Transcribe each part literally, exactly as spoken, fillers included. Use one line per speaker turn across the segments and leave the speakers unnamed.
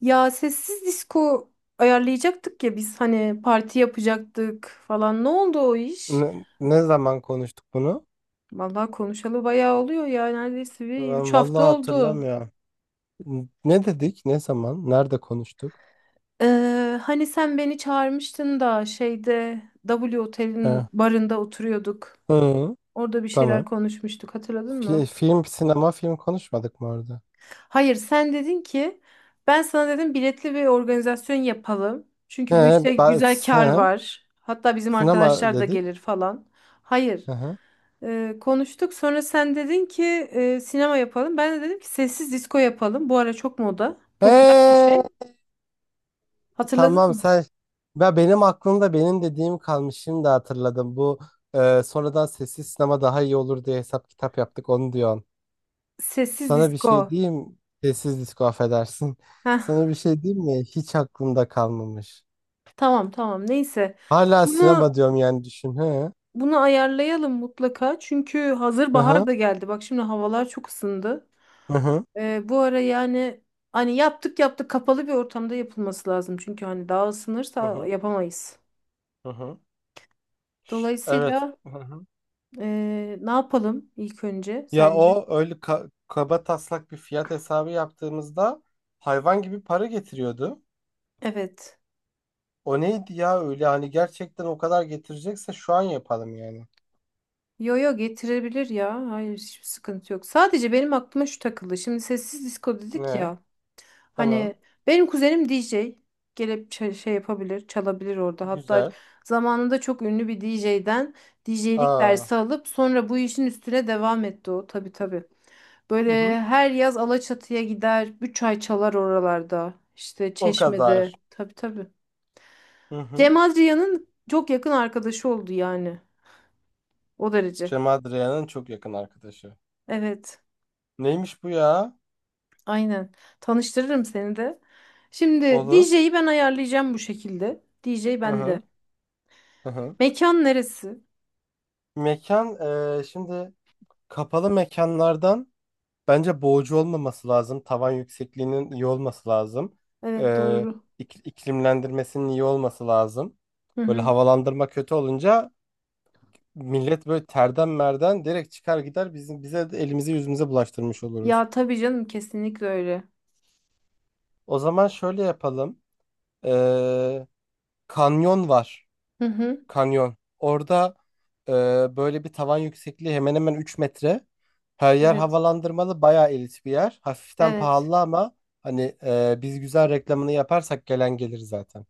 Ya sessiz disco ayarlayacaktık ya biz hani parti yapacaktık falan. Ne oldu o iş?
Ne, ne zaman konuştuk bunu?
Vallahi konuşalı bayağı oluyor ya neredeyse bir üç
Ben
hafta
vallahi
oldu.
hatırlamıyorum. N- Ne dedik? Ne zaman? Nerede konuştuk?
Ee, hani sen beni çağırmıştın da şeyde W
He.
Otel'in barında oturuyorduk.
Hı,
Orada bir şeyler
tamam.
konuşmuştuk, hatırladın
Fi-
mı?
film, sinema, film konuşmadık mı orada?
Hayır, sen dedin ki ben sana dedim biletli bir organizasyon yapalım.
He,
Çünkü bu işte
ba-
güzel kar
he.
var. Hatta bizim
Sinema
arkadaşlar da
dedik.
gelir falan. Hayır.
Hı hı.
Ee, konuştuk. Sonra sen dedin ki e, sinema yapalım. Ben de dedim ki sessiz disco yapalım. Bu ara çok moda. Popüler bir
He,
şey. Hatırladın
tamam
mı?
sen. Ben benim aklımda benim dediğim kalmış. Şimdi hatırladım. Bu e, sonradan sessiz sinema daha iyi olur diye hesap kitap yaptık. Onu diyorsun.
Sessiz
Sana bir şey
disco.
diyeyim. Sessiz disko affedersin.
Heh,
Sana bir şey diyeyim mi? Hiç aklımda kalmamış.
tamam tamam. Neyse.
Hala
Bunu
sinema diyorum yani düşün. He.
bunu ayarlayalım mutlaka. Çünkü hazır
Hı
bahar
hı
da geldi. Bak şimdi havalar çok ısındı.
hı hı
Ee, bu ara yani hani yaptık yaptık, kapalı bir ortamda yapılması lazım. Çünkü hani daha
hı
ısınırsa
hı.
yapamayız.
Hı hı. Evet.
Dolayısıyla
Hı hı.
e, ne yapalım ilk önce
Ya
sence?
o öyle ka- kaba taslak bir fiyat hesabı yaptığımızda hayvan gibi para getiriyordu.
Evet.
O neydi ya öyle hani gerçekten o kadar getirecekse şu an yapalım yani.
Yo yo, getirebilir ya. Hayır, hiçbir sıkıntı yok. Sadece benim aklıma şu takıldı. Şimdi sessiz disco dedik
Ne?
ya. Hani
Tamam.
benim kuzenim D J. Gelip ça- şey yapabilir, çalabilir orada. Hatta
Güzel.
zamanında çok ünlü bir D J'den D J'lik
Aa.
dersi alıp sonra bu işin üstüne devam etti o. Tabii tabii.
Hı
Böyle
hı.
her yaz Alaçatı'ya gider, üç ay çalar oralarda. İşte
O kadar.
Çeşme'de. Tabii tabii.
Hı hı.
Cem Adrian'ın çok yakın arkadaşı oldu yani. O derece.
Cem Adrian'ın çok yakın arkadaşı.
Evet.
Neymiş bu ya?
Aynen. Tanıştırırım seni de. Şimdi
Olur.
D J'yi ben ayarlayacağım bu şekilde. D J
Hı
bende.
hı. Hı hı.
Mekan neresi?
Mekan eee, şimdi kapalı mekanlardan bence boğucu olmaması lazım. Tavan yüksekliğinin iyi olması lazım.
Evet,
Eee
doğru.
ik- iklimlendirmesinin iyi olması lazım.
Hı
Böyle
hı.
havalandırma kötü olunca millet böyle terden merden direkt çıkar gider bizim bize de elimizi yüzümüze bulaştırmış oluruz.
Ya tabii canım, kesinlikle öyle.
O zaman şöyle yapalım. Eee, kanyon var.
Hı hı.
Kanyon. Orada e, böyle bir tavan yüksekliği hemen hemen üç metre. Her yer
Evet.
havalandırmalı, bayağı elit bir yer. Hafiften
Evet.
pahalı ama hani e, biz güzel reklamını yaparsak gelen gelir zaten.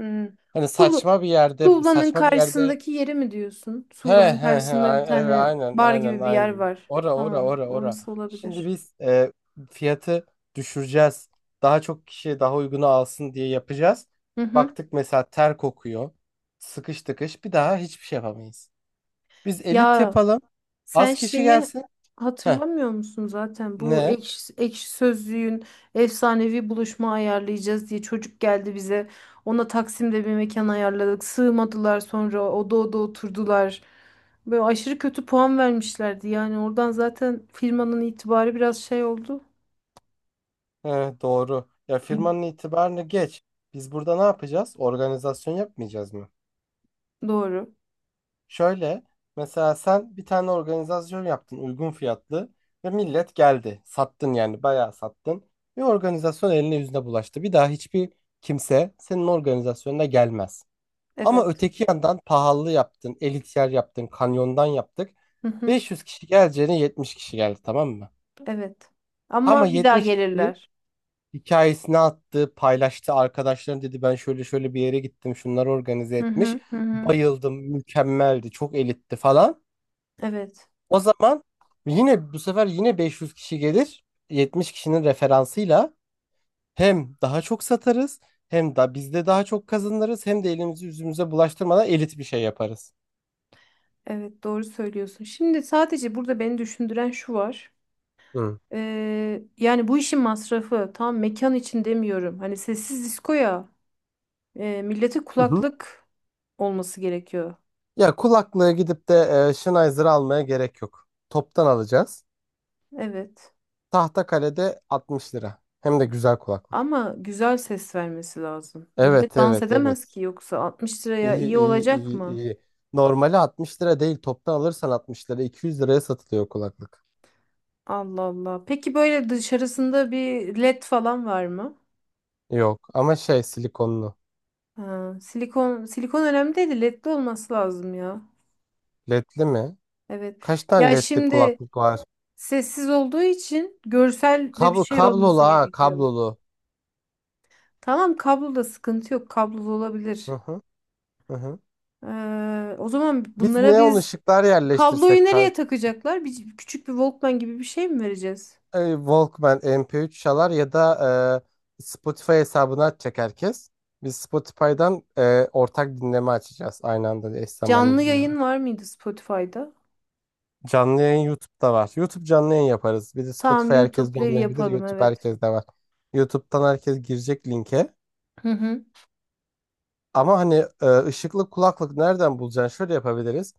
Hı.
Hani
Tuğla-
saçma bir yerde,
Tuğla'nın
saçma bir yerde.
karşısındaki yeri mi diyorsun?
He
Tuğla'nın
he he,
karşısında bir
a- evet
tane
aynen
bar
aynen
gibi bir yer
aynen.
var.
Ora ora
Tamam,
ora ora.
orası
Şimdi
olabilir.
biz e, fiyatı düşüreceğiz. Daha çok kişi daha uygunu alsın diye yapacağız.
Hı hı.
Baktık mesela ter kokuyor. Sıkış tıkış bir daha hiçbir şey yapamayız. Biz elit
Ya
yapalım.
sen
Az kişi
şeyi
gelsin. Heh,
hatırlamıyor musun, zaten bu
ne?
ekşi, ekşi sözlüğün efsanevi buluşma ayarlayacağız diye çocuk geldi bize. Ona Taksim'de bir mekan ayarladık. Sığmadılar, sonra oda oda oturdular. Böyle aşırı kötü puan vermişlerdi. Yani oradan zaten firmanın itibarı biraz şey oldu.
Heh, doğru. Ya firmanın itibarını geç. Biz burada ne yapacağız? Organizasyon yapmayacağız mı?
Doğru.
Şöyle, mesela sen bir tane organizasyon yaptın uygun fiyatlı ve millet geldi. Sattın yani bayağı sattın. Bir organizasyon eline yüzüne bulaştı. Bir daha hiçbir kimse senin organizasyonuna gelmez. Ama
Evet.
öteki yandan pahalı yaptın, elit yer yaptın, kanyondan yaptık.
Hı hı.
beş yüz kişi geleceğine yetmiş kişi geldi, tamam mı?
Evet.
Ama
Ama bir daha
yetmiş kişi
gelirler.
hikayesini attı, paylaştı. Arkadaşlarım dedi, ben şöyle şöyle bir yere gittim. Şunları organize
Hı
etmiş.
hı hı. Hı.
Bayıldım, mükemmeldi, çok elitti falan.
Evet.
O zaman yine bu sefer yine beş yüz kişi gelir. yetmiş kişinin referansıyla hem daha çok satarız, hem de biz de daha çok kazanırız, hem de elimizi yüzümüze bulaştırmadan elit bir şey yaparız.
Evet, doğru söylüyorsun. Şimdi sadece burada beni düşündüren şu var.
Hı.
Ee, yani bu işin masrafı tam mekan için demiyorum. Hani sessiz disko e, millete
Hı hı.
kulaklık olması gerekiyor.
Ya kulaklığı gidip de e, Sennheiser almaya gerek yok. Toptan alacağız.
Evet.
Tahtakale'de altmış lira. Hem de güzel kulaklık.
Ama güzel ses vermesi lazım. Millet
Evet
dans
evet evet.
edemez ki yoksa, altmış liraya
İyi
iyi
iyi
olacak
iyi
mı?
iyi. Normali altmış lira değil. Toptan alırsan altmış lira. iki yüz liraya satılıyor kulaklık.
Allah Allah. Peki böyle dışarısında bir led falan var mı?
Yok ama şey silikonlu.
Ha, silikon silikon önemli değil de ledli olması lazım ya.
L E D'li mi?
Evet.
Kaç tane
Ya
L E D'li
şimdi,
kulaklık var?
sessiz olduğu için görsel de bir
Kablo
şey
kablolu
olması
ha
gerekiyor.
kablolu.
Tamam, kabloda sıkıntı yok. Kablolu
Hı
olabilir.
hı, hı hı.
Ee, o zaman
Biz
bunlara
neon
biz
ışıklar yerleştirsek
kabloyu
ka-
nereye takacaklar? Bir, küçük bir Walkman gibi bir şey mi vereceğiz?
e, Walkman M P üç çalar ya da e, Spotify hesabını açacak herkes. Biz Spotify'dan e, ortak dinleme açacağız. Aynı anda eş zamanlı
Canlı
dinleme.
yayın var mıydı Spotify'da?
Canlı yayın YouTube'da var. YouTube canlı yayın yaparız. Bir de
Tamam,
Spotify
YouTube
herkeste
Live
olmayabilir.
yapalım,
YouTube
evet.
herkeste var. YouTube'dan herkes girecek linke.
Hı hı.
Ama hani e, ışıklı kulaklık nereden bulacaksın? Şöyle yapabiliriz.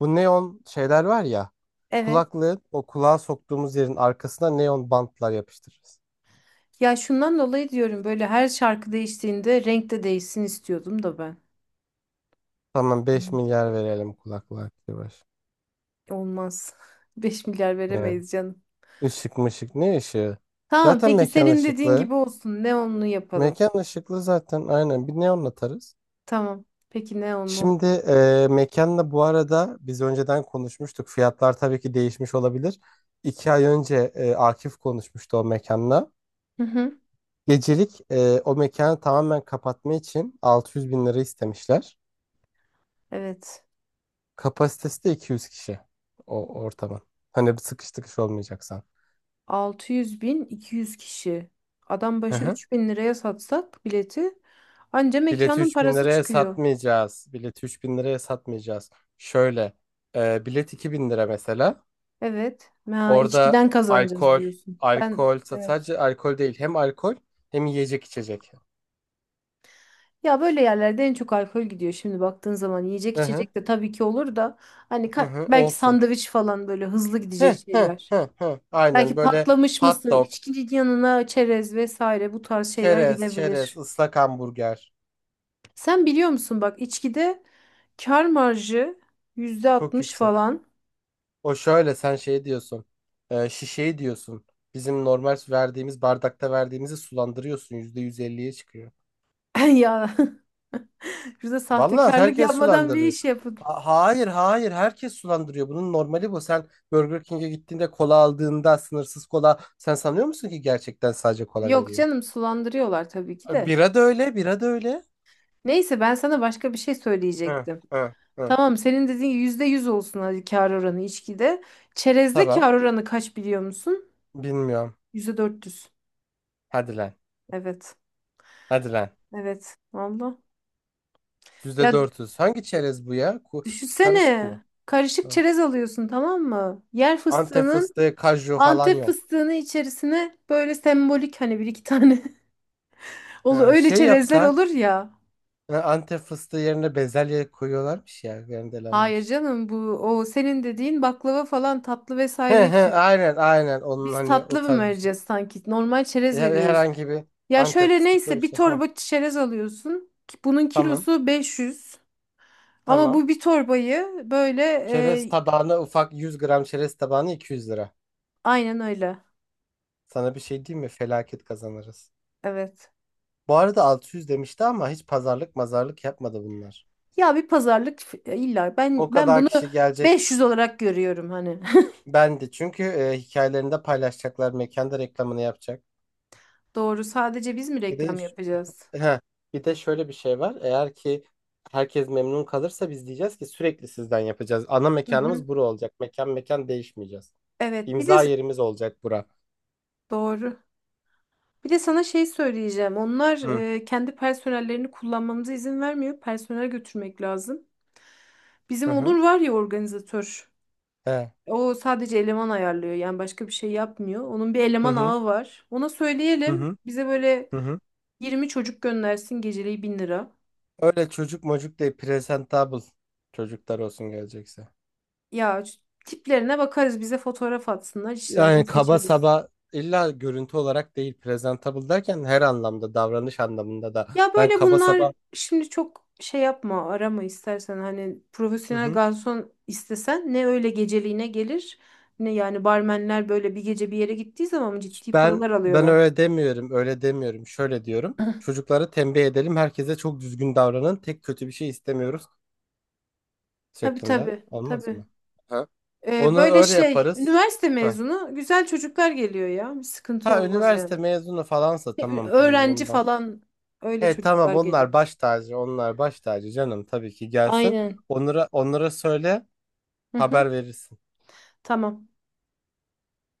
Bu neon şeyler var ya.
Evet.
Kulaklığı o kulağa soktuğumuz yerin arkasına neon bantlar yapıştırırız.
Ya şundan dolayı diyorum, böyle her şarkı değiştiğinde renk de değişsin istiyordum da ben.
Tamam,
Hı.
beş milyar verelim kulaklığa. Yavaş.
Olmaz. Beş milyar
Yani
veremeyiz canım.
ışık mışık, ne ışığı?
Tamam,
Zaten
peki
mekan
senin dediğin
ışıklı.
gibi olsun. Neonlu yapalım.
Mekan ışıklı zaten, aynen bir neon atarız.
Tamam. Peki, neonlu.
Şimdi e, mekanla bu arada biz önceden konuşmuştuk. Fiyatlar tabii ki değişmiş olabilir. İki ay önce e, Akif konuşmuştu o mekanla.
Hı hı.
Gecelik e, o mekanı tamamen kapatma için altı yüz bin lira istemişler.
Evet.
Kapasitesi de iki yüz kişi o ortamın. Hani bir sıkış tıkış olmayacaksan.
altı yüz bin, iki yüz kişi. Adam başı üç bin liraya satsak bileti, anca
Bileti
mekanın
üç bin
parası
liraya
çıkıyor.
satmayacağız. Bileti üç bin liraya satmayacağız. Şöyle e, bilet iki bin lira mesela.
Evet. Ha,
Orada
içkiden kazanacağız
alkol,
diyorsun. Ben,
alkol sa-
evet.
sadece alkol değil. Hem alkol hem yiyecek içecek.
Ya böyle yerlerde en çok alkol gidiyor şimdi baktığın zaman. Yiyecek
Hı hı,
içecek de tabii ki olur da hani
hı
ka-
hı,
belki
olsun.
sandviç falan, böyle hızlı gidecek
Hı hı,
şeyler.
hı hı. Aynen
Belki
böyle
patlamış
hot
mısır,
dog,
içkinin yanına çerez vesaire, bu tarz şeyler
çerez, çerez,
gidebilir.
ıslak hamburger.
Sen biliyor musun bak, içkide kar marjı
Çok
yüzde altmış
yüksek.
falan.
O şöyle sen şey diyorsun. E, şişeyi diyorsun. Bizim normal verdiğimiz bardakta verdiğimizi sulandırıyorsun. Yüzde yüz elliye çıkıyor.
Ya, şurada
Vallahi
sahtekarlık
herkes
yapmadan bir
sulandırıyor.
iş yapın.
Ha- Hayır hayır herkes sulandırıyor. Bunun normali bu. Sen Burger King'e gittiğinde kola aldığında sınırsız kola sen sanıyor musun ki gerçekten sadece kola
Yok
veriyor?
canım, sulandırıyorlar tabii ki de.
Bira da öyle, bira da öyle.
Neyse, ben sana başka bir şey
Hı,
söyleyecektim.
hı, hı.
Tamam, senin dediğin yüzde yüz olsun hadi, kar oranı içkide. Çerezde
Tamam.
kar oranı kaç biliyor musun?
Bilmiyorum.
Yüzde dört yüz.
Hadi lan.
Evet.
Hadi lan.
Evet. Valla. Ya
yüzde dört yüz. Hangi çerez bu ya? Ku- Karışık
düşünsene.
mı?
Karışık
Hı.
çerez alıyorsun, tamam mı? Yer
Antep
fıstığının,
fıstığı, kaju falan
Antep
yok.
fıstığını içerisine böyle sembolik, hani bir iki tane olur
Hı,
öyle
şey
çerezler,
yapsak,
olur ya.
hı, Antep fıstığı yerine bezelye koyuyorlarmış ya,
Hayır
rendelenmiş.
canım, bu o senin dediğin baklava falan tatlı
He
vesaire
he
için.
aynen aynen onun
Biz
hani o
tatlı mı
tarz bir şey.
vereceğiz sanki? Normal çerez
Her-
veriyoruz.
Herhangi bir
Ya
Antep
şöyle,
fıstıklı
neyse
bir
bir
şey. Heh,
torba çerez alıyorsun. Bunun
tamam
kilosu beş yüz. Ama
tamam.
bu bir torbayı böyle,
Çerez
e,
tabağına ufak yüz gram çerez tabağına iki yüz lira.
aynen öyle.
Sana bir şey diyeyim mi? Felaket kazanırız.
Evet.
Bu arada altı yüz demişti ama hiç pazarlık mazarlık yapmadı bunlar.
Ya bir pazarlık f- e, illa ben
O
ben
kadar
bunu
kişi gelecek.
beş yüz olarak görüyorum hani.
Ben de çünkü e, hikayelerinde paylaşacaklar. Mekanda reklamını yapacak.
Doğru. Sadece biz mi
Bir de
reklam yapacağız?
Heh, bir de şöyle bir şey var. Eğer ki herkes memnun kalırsa biz diyeceğiz ki sürekli sizden yapacağız. Ana
Hı hı.
mekanımız bura olacak. Mekan mekan değişmeyeceğiz.
Evet. Bir de
İmza yerimiz olacak bura.
doğru. Bir de sana şey söyleyeceğim. Onlar
Hı.
e, kendi personellerini kullanmamıza izin vermiyor. Personel götürmek lazım. Bizim
Hı hı.
Onur var ya, organizatör.
He.
O sadece eleman ayarlıyor. Yani başka bir şey yapmıyor. Onun bir
Hı
eleman
hı.
ağı var. Ona
Hı
söyleyelim.
hı.
Bize böyle
Hı hı.
yirmi çocuk göndersin, geceliği bin lira.
Öyle çocuk mocuk değil. Presentable çocuklar olsun gelecekse.
Ya, tiplerine bakarız. Bize fotoğraf atsınlar, işlerinden
Yani kaba
seçeriz.
saba illa görüntü olarak değil. Presentable derken her anlamda davranış anlamında da.
Ya
Ben
böyle
kaba saba.
bunlar şimdi çok şey yapma, arama istersen hani
Hı
profesyonel
hı.
garson istesen ne öyle geceliğine gelir, ne yani barmenler böyle bir gece bir yere gittiği zaman ciddi
Ben
paralar
ben
alıyorlar.
öyle demiyorum, öyle demiyorum. Şöyle diyorum. Çocuklara tembih edelim. Herkese çok düzgün davranın. Tek kötü bir şey istemiyoruz
Tabii
şeklinde.
tabii
Olmaz mı?
tabii.
Ha?
Ee,
Onu
böyle
öyle
şey,
yaparız.
üniversite
Heh.
mezunu güzel çocuklar geliyor ya, bir sıkıntı
Ha,
olmaz
üniversite
yani.
mezunu falansa
E, Ö-
tamam tamam
Öğrenci
ondan.
falan, öyle
He, tamam,
çocuklar
onlar
geliyor.
baş tacı, onlar baş tacı canım, tabii ki gelsin.
Aynen.
Onlara onlara söyle,
Hı hı.
haber verirsin.
Tamam.